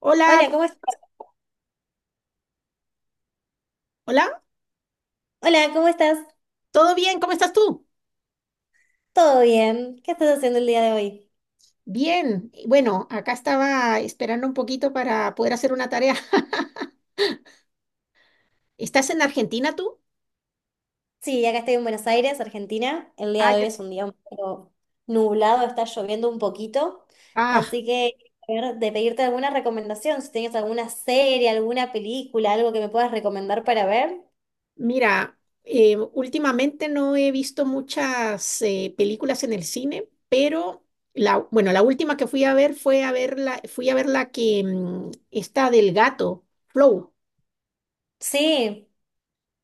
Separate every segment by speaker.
Speaker 1: Hola,
Speaker 2: Hola,
Speaker 1: ¿cómo-
Speaker 2: ¿cómo estás?
Speaker 1: hola,
Speaker 2: Hola, ¿cómo estás?
Speaker 1: ¿todo bien? ¿Cómo estás tú?
Speaker 2: ¿Todo bien? ¿Qué estás haciendo el día de hoy?
Speaker 1: Bien. Bueno, acá estaba esperando un poquito para poder hacer una tarea. ¿Estás en Argentina tú?
Speaker 2: Sí, acá estoy en Buenos Aires, Argentina. El día
Speaker 1: Ah,
Speaker 2: de
Speaker 1: ya.
Speaker 2: hoy es un día un poco nublado, está lloviendo un poquito.
Speaker 1: Ah,
Speaker 2: Así que, a ver, de pedirte alguna recomendación, si tienes alguna serie, alguna película, algo que me puedas recomendar para ver.
Speaker 1: mira, últimamente no he visto muchas películas en el cine, pero la, bueno, la última que fui a ver fue a ver la, fui a ver la que está del gato, Flow.
Speaker 2: Sí.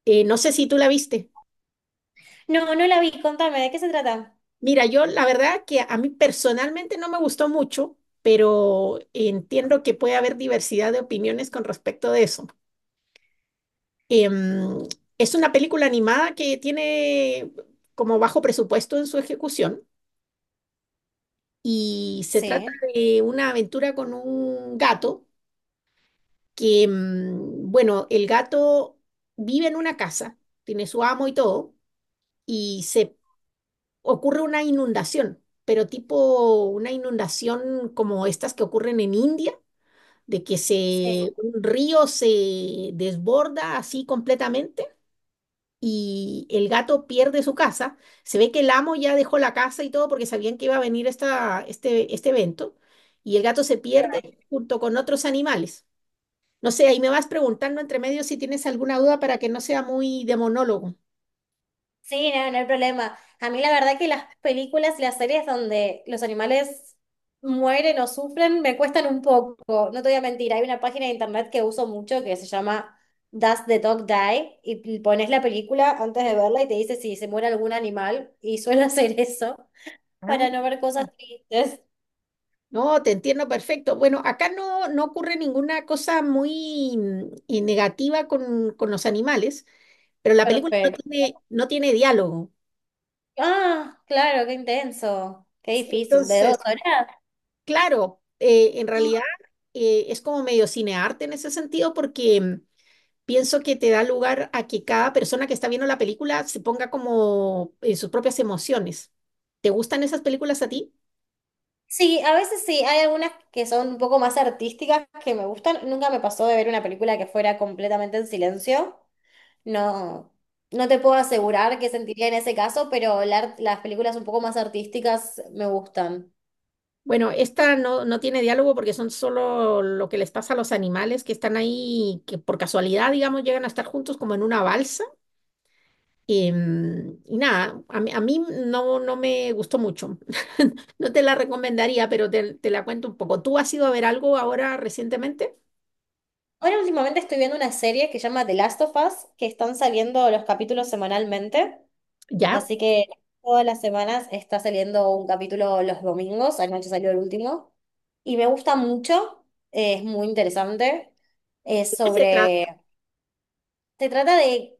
Speaker 1: No sé si tú la viste.
Speaker 2: No la vi, contame, ¿de qué se trata?
Speaker 1: Mira, yo la verdad que a mí personalmente no me gustó mucho, pero entiendo que puede haber diversidad de opiniones con respecto de eso. Em, es una película animada que tiene como bajo presupuesto en su ejecución y se trata
Speaker 2: Sí.
Speaker 1: de una aventura con un gato que, bueno, el gato vive en una casa, tiene su amo y todo, y se ocurre una inundación, pero tipo una inundación como estas que ocurren en India, de que
Speaker 2: Sí.
Speaker 1: se, un río se desborda así completamente y el gato pierde su casa. Se ve que el amo ya dejó la casa y todo porque sabían que iba a venir esta, este evento y el gato se pierde junto con otros animales. No sé, ahí me vas preguntando entre medio si tienes alguna duda para que no sea muy de monólogo.
Speaker 2: Sí, no hay problema. A mí la verdad que las películas y las series donde los animales mueren o sufren me cuestan un poco. No te voy a mentir, hay una página de internet que uso mucho que se llama Does the Dog Die? Y pones la película antes de verla y te dice si se muere algún animal y suelo hacer eso para
Speaker 1: Ah.
Speaker 2: no ver cosas tristes.
Speaker 1: No, te entiendo perfecto. Bueno, acá no, no ocurre ninguna cosa muy negativa con los animales, pero la película no
Speaker 2: Perfecto.
Speaker 1: tiene, no tiene diálogo.
Speaker 2: Ah, claro, qué intenso. Qué difícil. ¿De dos
Speaker 1: Entonces,
Speaker 2: horas?
Speaker 1: claro, en realidad es como medio cinearte en ese sentido porque pienso que te da lugar a que cada persona que está viendo la película se ponga como en sus propias emociones. ¿Te gustan esas películas a ti?
Speaker 2: Sí, a veces sí, hay algunas que son un poco más artísticas que me gustan. Nunca me pasó de ver una película que fuera completamente en silencio. No, no te puedo asegurar qué sentiría en ese caso, pero las películas un poco más artísticas me gustan.
Speaker 1: Bueno, esta no, no tiene diálogo porque son solo lo que les pasa a los animales que están ahí, que por casualidad, digamos, llegan a estar juntos como en una balsa. Y nada, a mí no, no me gustó mucho. No te la recomendaría, pero te la cuento un poco. ¿Tú has ido a ver algo ahora recientemente?
Speaker 2: Ahora últimamente estoy viendo una serie que se llama The Last of Us, que están saliendo los capítulos semanalmente.
Speaker 1: ¿Ya?
Speaker 2: Así que todas las semanas está saliendo un capítulo los domingos, anoche salió el último, y me gusta mucho, es muy interesante, es
Speaker 1: ¿De qué se trata?
Speaker 2: sobre, se trata de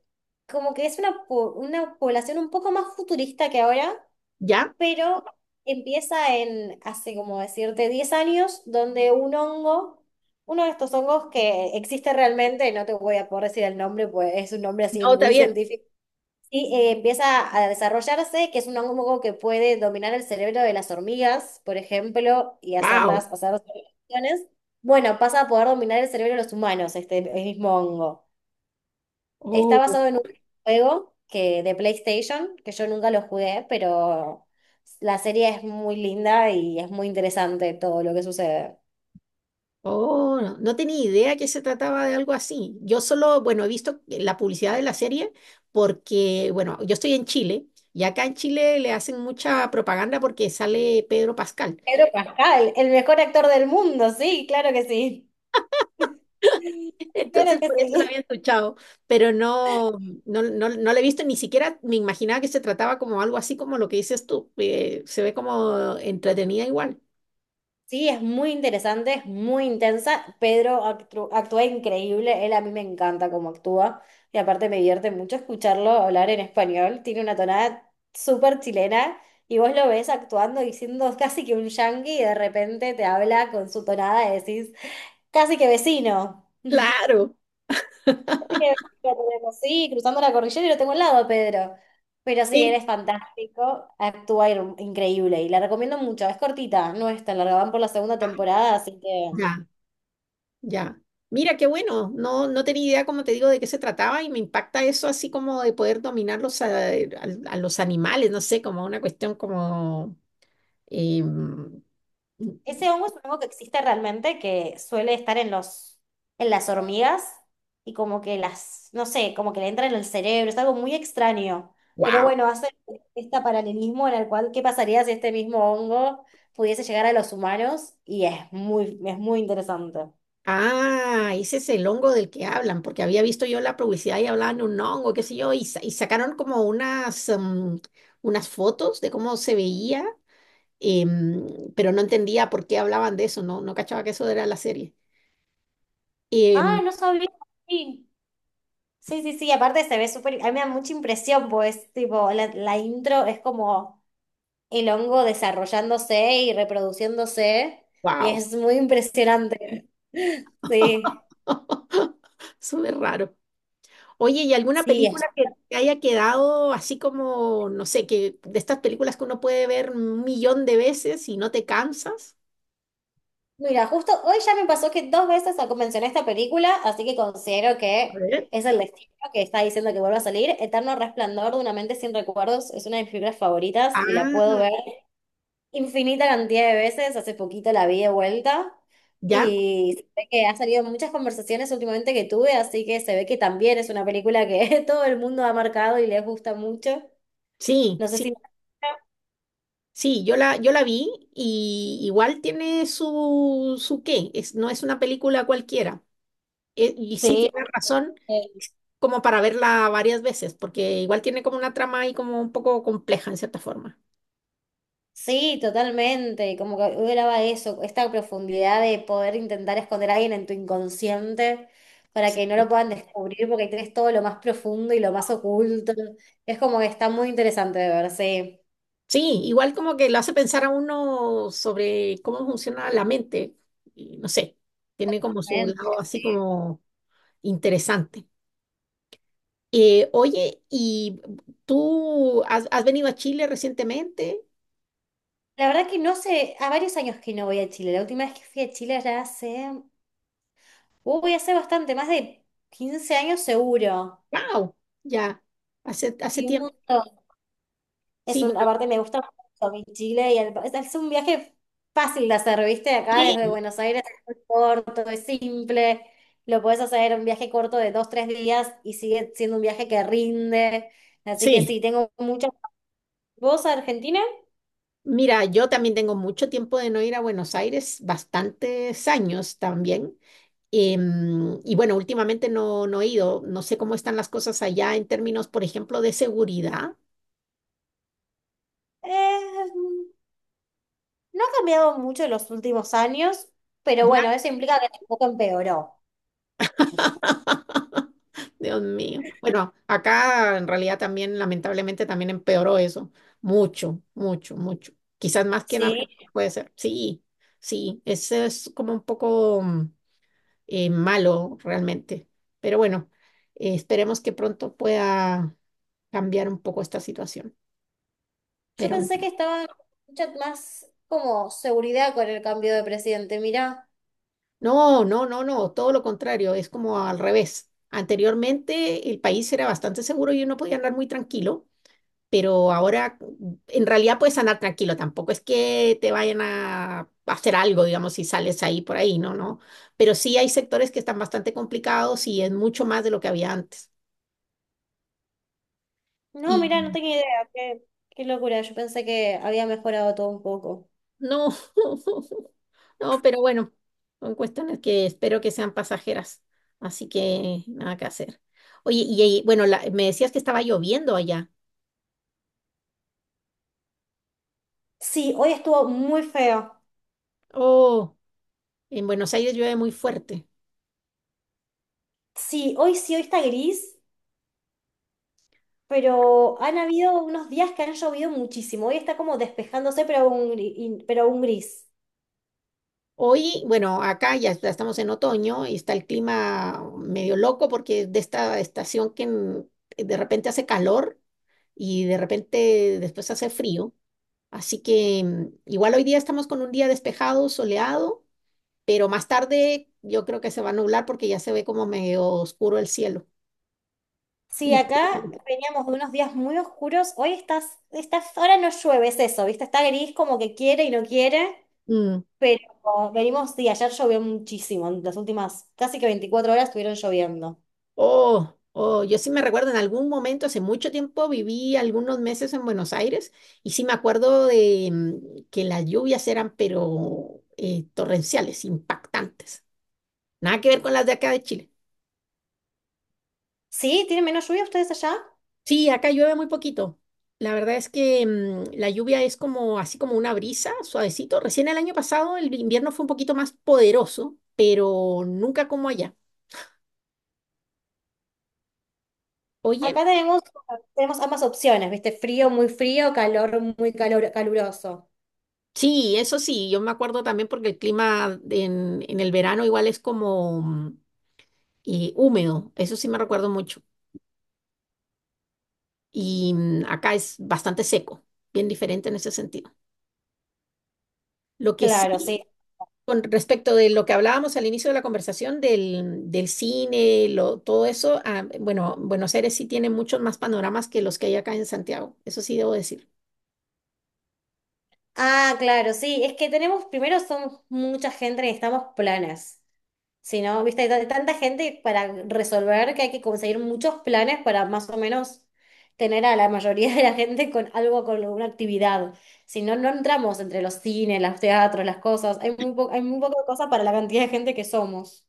Speaker 2: como que es una población un poco más futurista que ahora,
Speaker 1: ¿Ya?
Speaker 2: pero empieza en, hace como decirte, 10 años, donde un hongo, uno de estos hongos que existe realmente, no te voy a poder decir el nombre, pues es un nombre así
Speaker 1: No, está
Speaker 2: muy
Speaker 1: bien.
Speaker 2: científico. Sí, empieza a desarrollarse, que es un hongo que puede dominar el cerebro de las hormigas, por ejemplo, y hacerlas, hacer operaciones. Bueno, pasa a poder dominar el cerebro de los humanos, este el mismo hongo. Está
Speaker 1: ¡Wow!
Speaker 2: basado en un juego que, de PlayStation, que yo nunca lo jugué, pero la serie es muy linda y es muy interesante todo lo que sucede.
Speaker 1: Oh, no, no tenía idea que se trataba de algo así. Yo solo, bueno, he visto la publicidad de la serie porque, bueno, yo estoy en Chile y acá en Chile le hacen mucha propaganda porque sale Pedro Pascal.
Speaker 2: Pedro Pascal, el mejor actor del mundo, sí, claro que sí. Claro
Speaker 1: Entonces,
Speaker 2: que
Speaker 1: por eso la
Speaker 2: sí.
Speaker 1: había escuchado, pero no, no, no, no la he visto, ni siquiera me imaginaba que se trataba como algo así como lo que dices tú. Se ve como entretenida igual.
Speaker 2: Sí, es muy interesante, es muy intensa. Pedro actúa increíble, él a mí me encanta cómo actúa y aparte me divierte mucho escucharlo hablar en español. Tiene una tonada súper chilena y vos lo ves actuando y siendo casi que un yangui y de repente te habla con su tonada y decís, casi que vecino.
Speaker 1: Claro,
Speaker 2: Lo tenemos, sí, cruzando la cordillera y lo tengo al lado, Pedro. Pero sí, él
Speaker 1: sí.
Speaker 2: es fantástico, increíble y la recomiendo mucho. Es cortita, no es tan larga, van por la segunda temporada, así que...
Speaker 1: Ya. Ya. Mira, qué bueno. No, no tenía idea, como te digo, de qué se trataba y me impacta eso así como de poder dominar los, a, al- a los animales, no sé, como una cuestión como...
Speaker 2: Ese hongo es un hongo que existe realmente, que suele estar en las hormigas y como que las, no sé, como que le entra en el cerebro, es algo muy extraño. Pero
Speaker 1: wow.
Speaker 2: bueno, hace este paralelismo en el cual, ¿qué pasaría si este mismo hongo pudiese llegar a los humanos? Y es muy interesante.
Speaker 1: Ah, ese es el hongo del que hablan, porque había visto yo la publicidad y hablaban de un hongo, qué sé yo, y, sa- y sacaron como unas, unas fotos de cómo se veía, pero no entendía por qué hablaban de eso, no, no cachaba que eso era la serie.
Speaker 2: Ah, no sabía. Sí, sí, aparte se ve súper, a mí me da mucha impresión, pues, tipo, la intro es como el hongo desarrollándose y reproduciéndose y
Speaker 1: Wow.
Speaker 2: es muy impresionante. Sí,
Speaker 1: Súper raro. Oye, ¿y alguna
Speaker 2: sí.
Speaker 1: película
Speaker 2: es-
Speaker 1: que te haya quedado así como, no sé, que de estas películas que uno puede ver un millón de veces y no te cansas?
Speaker 2: Mira, justo hoy ya me pasó que dos veces mencioné esta película, así que considero
Speaker 1: A
Speaker 2: que
Speaker 1: ver.
Speaker 2: es el destino que está diciendo que vuelva a salir. Eterno Resplandor de una mente sin recuerdos es una de mis películas favoritas y la puedo
Speaker 1: Ah,
Speaker 2: ver infinita cantidad de veces, hace poquito la vi de vuelta
Speaker 1: ¿ya?
Speaker 2: y se ve que ha salido en muchas conversaciones últimamente que tuve, así que se ve que también es una película que todo el mundo ha marcado y les gusta mucho.
Speaker 1: Sí,
Speaker 2: No sé
Speaker 1: sí,
Speaker 2: si...
Speaker 1: sí, yo la, yo la vi y igual tiene su, su qué, es, no es una película cualquiera. E- y sí,
Speaker 2: Sí,
Speaker 1: tienes razón,
Speaker 2: eh,
Speaker 1: como para verla varias veces, porque igual tiene como una trama ahí como un poco compleja en cierta forma.
Speaker 2: sí, totalmente, como que graba eso, esta profundidad de poder intentar esconder a alguien en tu inconsciente para
Speaker 1: Sí.
Speaker 2: que no lo puedan descubrir porque tienes todo lo más profundo y lo más oculto. Es como que está muy interesante de ver, sí.
Speaker 1: Sí, igual como que lo hace pensar a uno sobre cómo funciona la mente, y no sé, tiene como su lado así como interesante. Oye, ¿y tú has, has venido a Chile recientemente?
Speaker 2: La verdad que no sé, a varios años que no voy a Chile. La última vez que fui a Chile ya hace, voy a hacer bastante, más de 15 años seguro.
Speaker 1: ¡Wow! Ya, hace, hace
Speaker 2: Y un
Speaker 1: tiempo.
Speaker 2: montón. Es
Speaker 1: Sí,
Speaker 2: un,
Speaker 1: bueno,
Speaker 2: aparte me gusta mucho mi Chile y es un viaje fácil de hacer, ¿viste? Acá desde
Speaker 1: sí,
Speaker 2: Buenos Aires es muy corto, es simple. Lo puedes hacer un viaje corto de 2, 3 días y sigue siendo un viaje que rinde. Así que
Speaker 1: sí.
Speaker 2: sí, tengo muchas. ¿Vos a Argentina?
Speaker 1: Mira, yo también tengo mucho tiempo de no ir a Buenos Aires, bastantes años también. Y bueno, últimamente no, no he ido, no sé cómo están las cosas allá en términos, por ejemplo, de seguridad.
Speaker 2: Eh, No ha cambiado mucho en los últimos años, pero
Speaker 1: Ya.
Speaker 2: bueno, eso implica que tampoco empeoró,
Speaker 1: Dios mío. Bueno, acá en realidad también, lamentablemente, también empeoró eso. Mucho, mucho, mucho. Quizás más que en
Speaker 2: ¿sí?
Speaker 1: Argentina puede ser. Sí, sí, eso es como un poco malo realmente. Pero bueno, esperemos que pronto pueda cambiar un poco esta situación.
Speaker 2: Yo
Speaker 1: Pero no.
Speaker 2: pensé que estaba mucha más como seguridad con el cambio de presidente, mirá.
Speaker 1: No, no, no, no, todo lo contrario, es como al revés. Anteriormente el país era bastante seguro y uno podía andar muy tranquilo, pero ahora en realidad puedes andar tranquilo, tampoco es que te vayan a hacer algo, digamos, si sales ahí por ahí, no, no. Pero sí hay sectores que están bastante complicados y es mucho más de lo que había antes.
Speaker 2: No,
Speaker 1: Y
Speaker 2: mirá, no tenía idea, qué, qué locura, yo pensé que había mejorado todo un poco.
Speaker 1: no, no, pero bueno, son cuestiones que espero que sean pasajeras, así que nada que hacer. Oye, y, bueno, la- me decías que estaba lloviendo allá.
Speaker 2: Sí, hoy estuvo muy feo.
Speaker 1: Oh, en Buenos Aires llueve muy fuerte.
Speaker 2: Sí, hoy está gris, pero han habido unos días que han llovido muchísimo. Hoy está como despejándose, pero un gris.
Speaker 1: Hoy, bueno, acá ya estamos en otoño y está el clima medio loco porque es de esta estación que en- de repente hace calor y de repente después hace frío. Así que igual hoy día estamos con un día despejado, soleado, pero más tarde yo creo que se va a nublar porque ya se ve como medio oscuro el cielo.
Speaker 2: Sí, acá
Speaker 1: Increíble.
Speaker 2: veníamos de unos días muy oscuros. Hoy estás, ahora no llueve, es eso, ¿viste? Está gris como que quiere y no quiere, pero venimos, sí, ayer llovió muchísimo, en las últimas casi que 24 horas estuvieron lloviendo.
Speaker 1: Oh, oh, yo sí me recuerdo, en algún momento, hace mucho tiempo, viví algunos meses en Buenos Aires y sí me acuerdo de que las lluvias eran, pero torrenciales, impactantes. Nada que ver con las de acá de Chile.
Speaker 2: ¿Sí? ¿Tienen menos lluvia ustedes allá?
Speaker 1: Sí, acá llueve muy poquito. La verdad es que la lluvia es como así como una brisa, suavecito. Recién el año pasado el invierno fue un poquito más poderoso, pero nunca como allá. Oye,
Speaker 2: Acá tenemos ambas opciones, ¿viste? Frío, muy frío, calor, muy calor, caluroso.
Speaker 1: sí, eso sí, yo me acuerdo también porque el clima en el verano igual es como húmedo, eso sí me recuerdo mucho. Y acá es bastante seco, bien diferente en ese sentido. Lo que sí,
Speaker 2: Claro, sí.
Speaker 1: con respecto de lo que hablábamos al inicio de la conversación del, del cine, lo, todo eso, ah, bueno, Buenos Aires sí tiene muchos más panoramas que los que hay acá en Santiago, eso sí debo decir.
Speaker 2: Ah, claro, sí, es que tenemos, primero somos mucha gente, necesitamos planes. Si no, viste, hay tanta gente para resolver que hay que conseguir muchos planes para más o menos tener a la mayoría de la gente con algo, con alguna actividad. Si no, no entramos entre los cines, los teatros, las cosas. Hay hay muy poca cosa para la cantidad de gente que somos.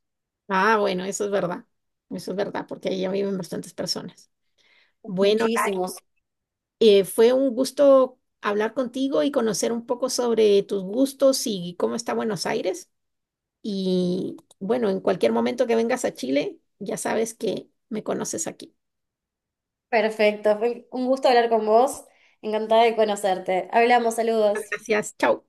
Speaker 1: Ah, bueno, eso es verdad, porque ahí ya viven bastantes personas. Bueno,
Speaker 2: Muchísimos.
Speaker 1: Fue un gusto hablar contigo y conocer un poco sobre tus gustos y cómo está Buenos Aires. Y bueno, en cualquier momento que vengas a Chile, ya sabes que me conoces aquí.
Speaker 2: Perfecto, fue un gusto hablar con vos. Encantada de conocerte. Hablamos, saludos.
Speaker 1: Gracias, chao.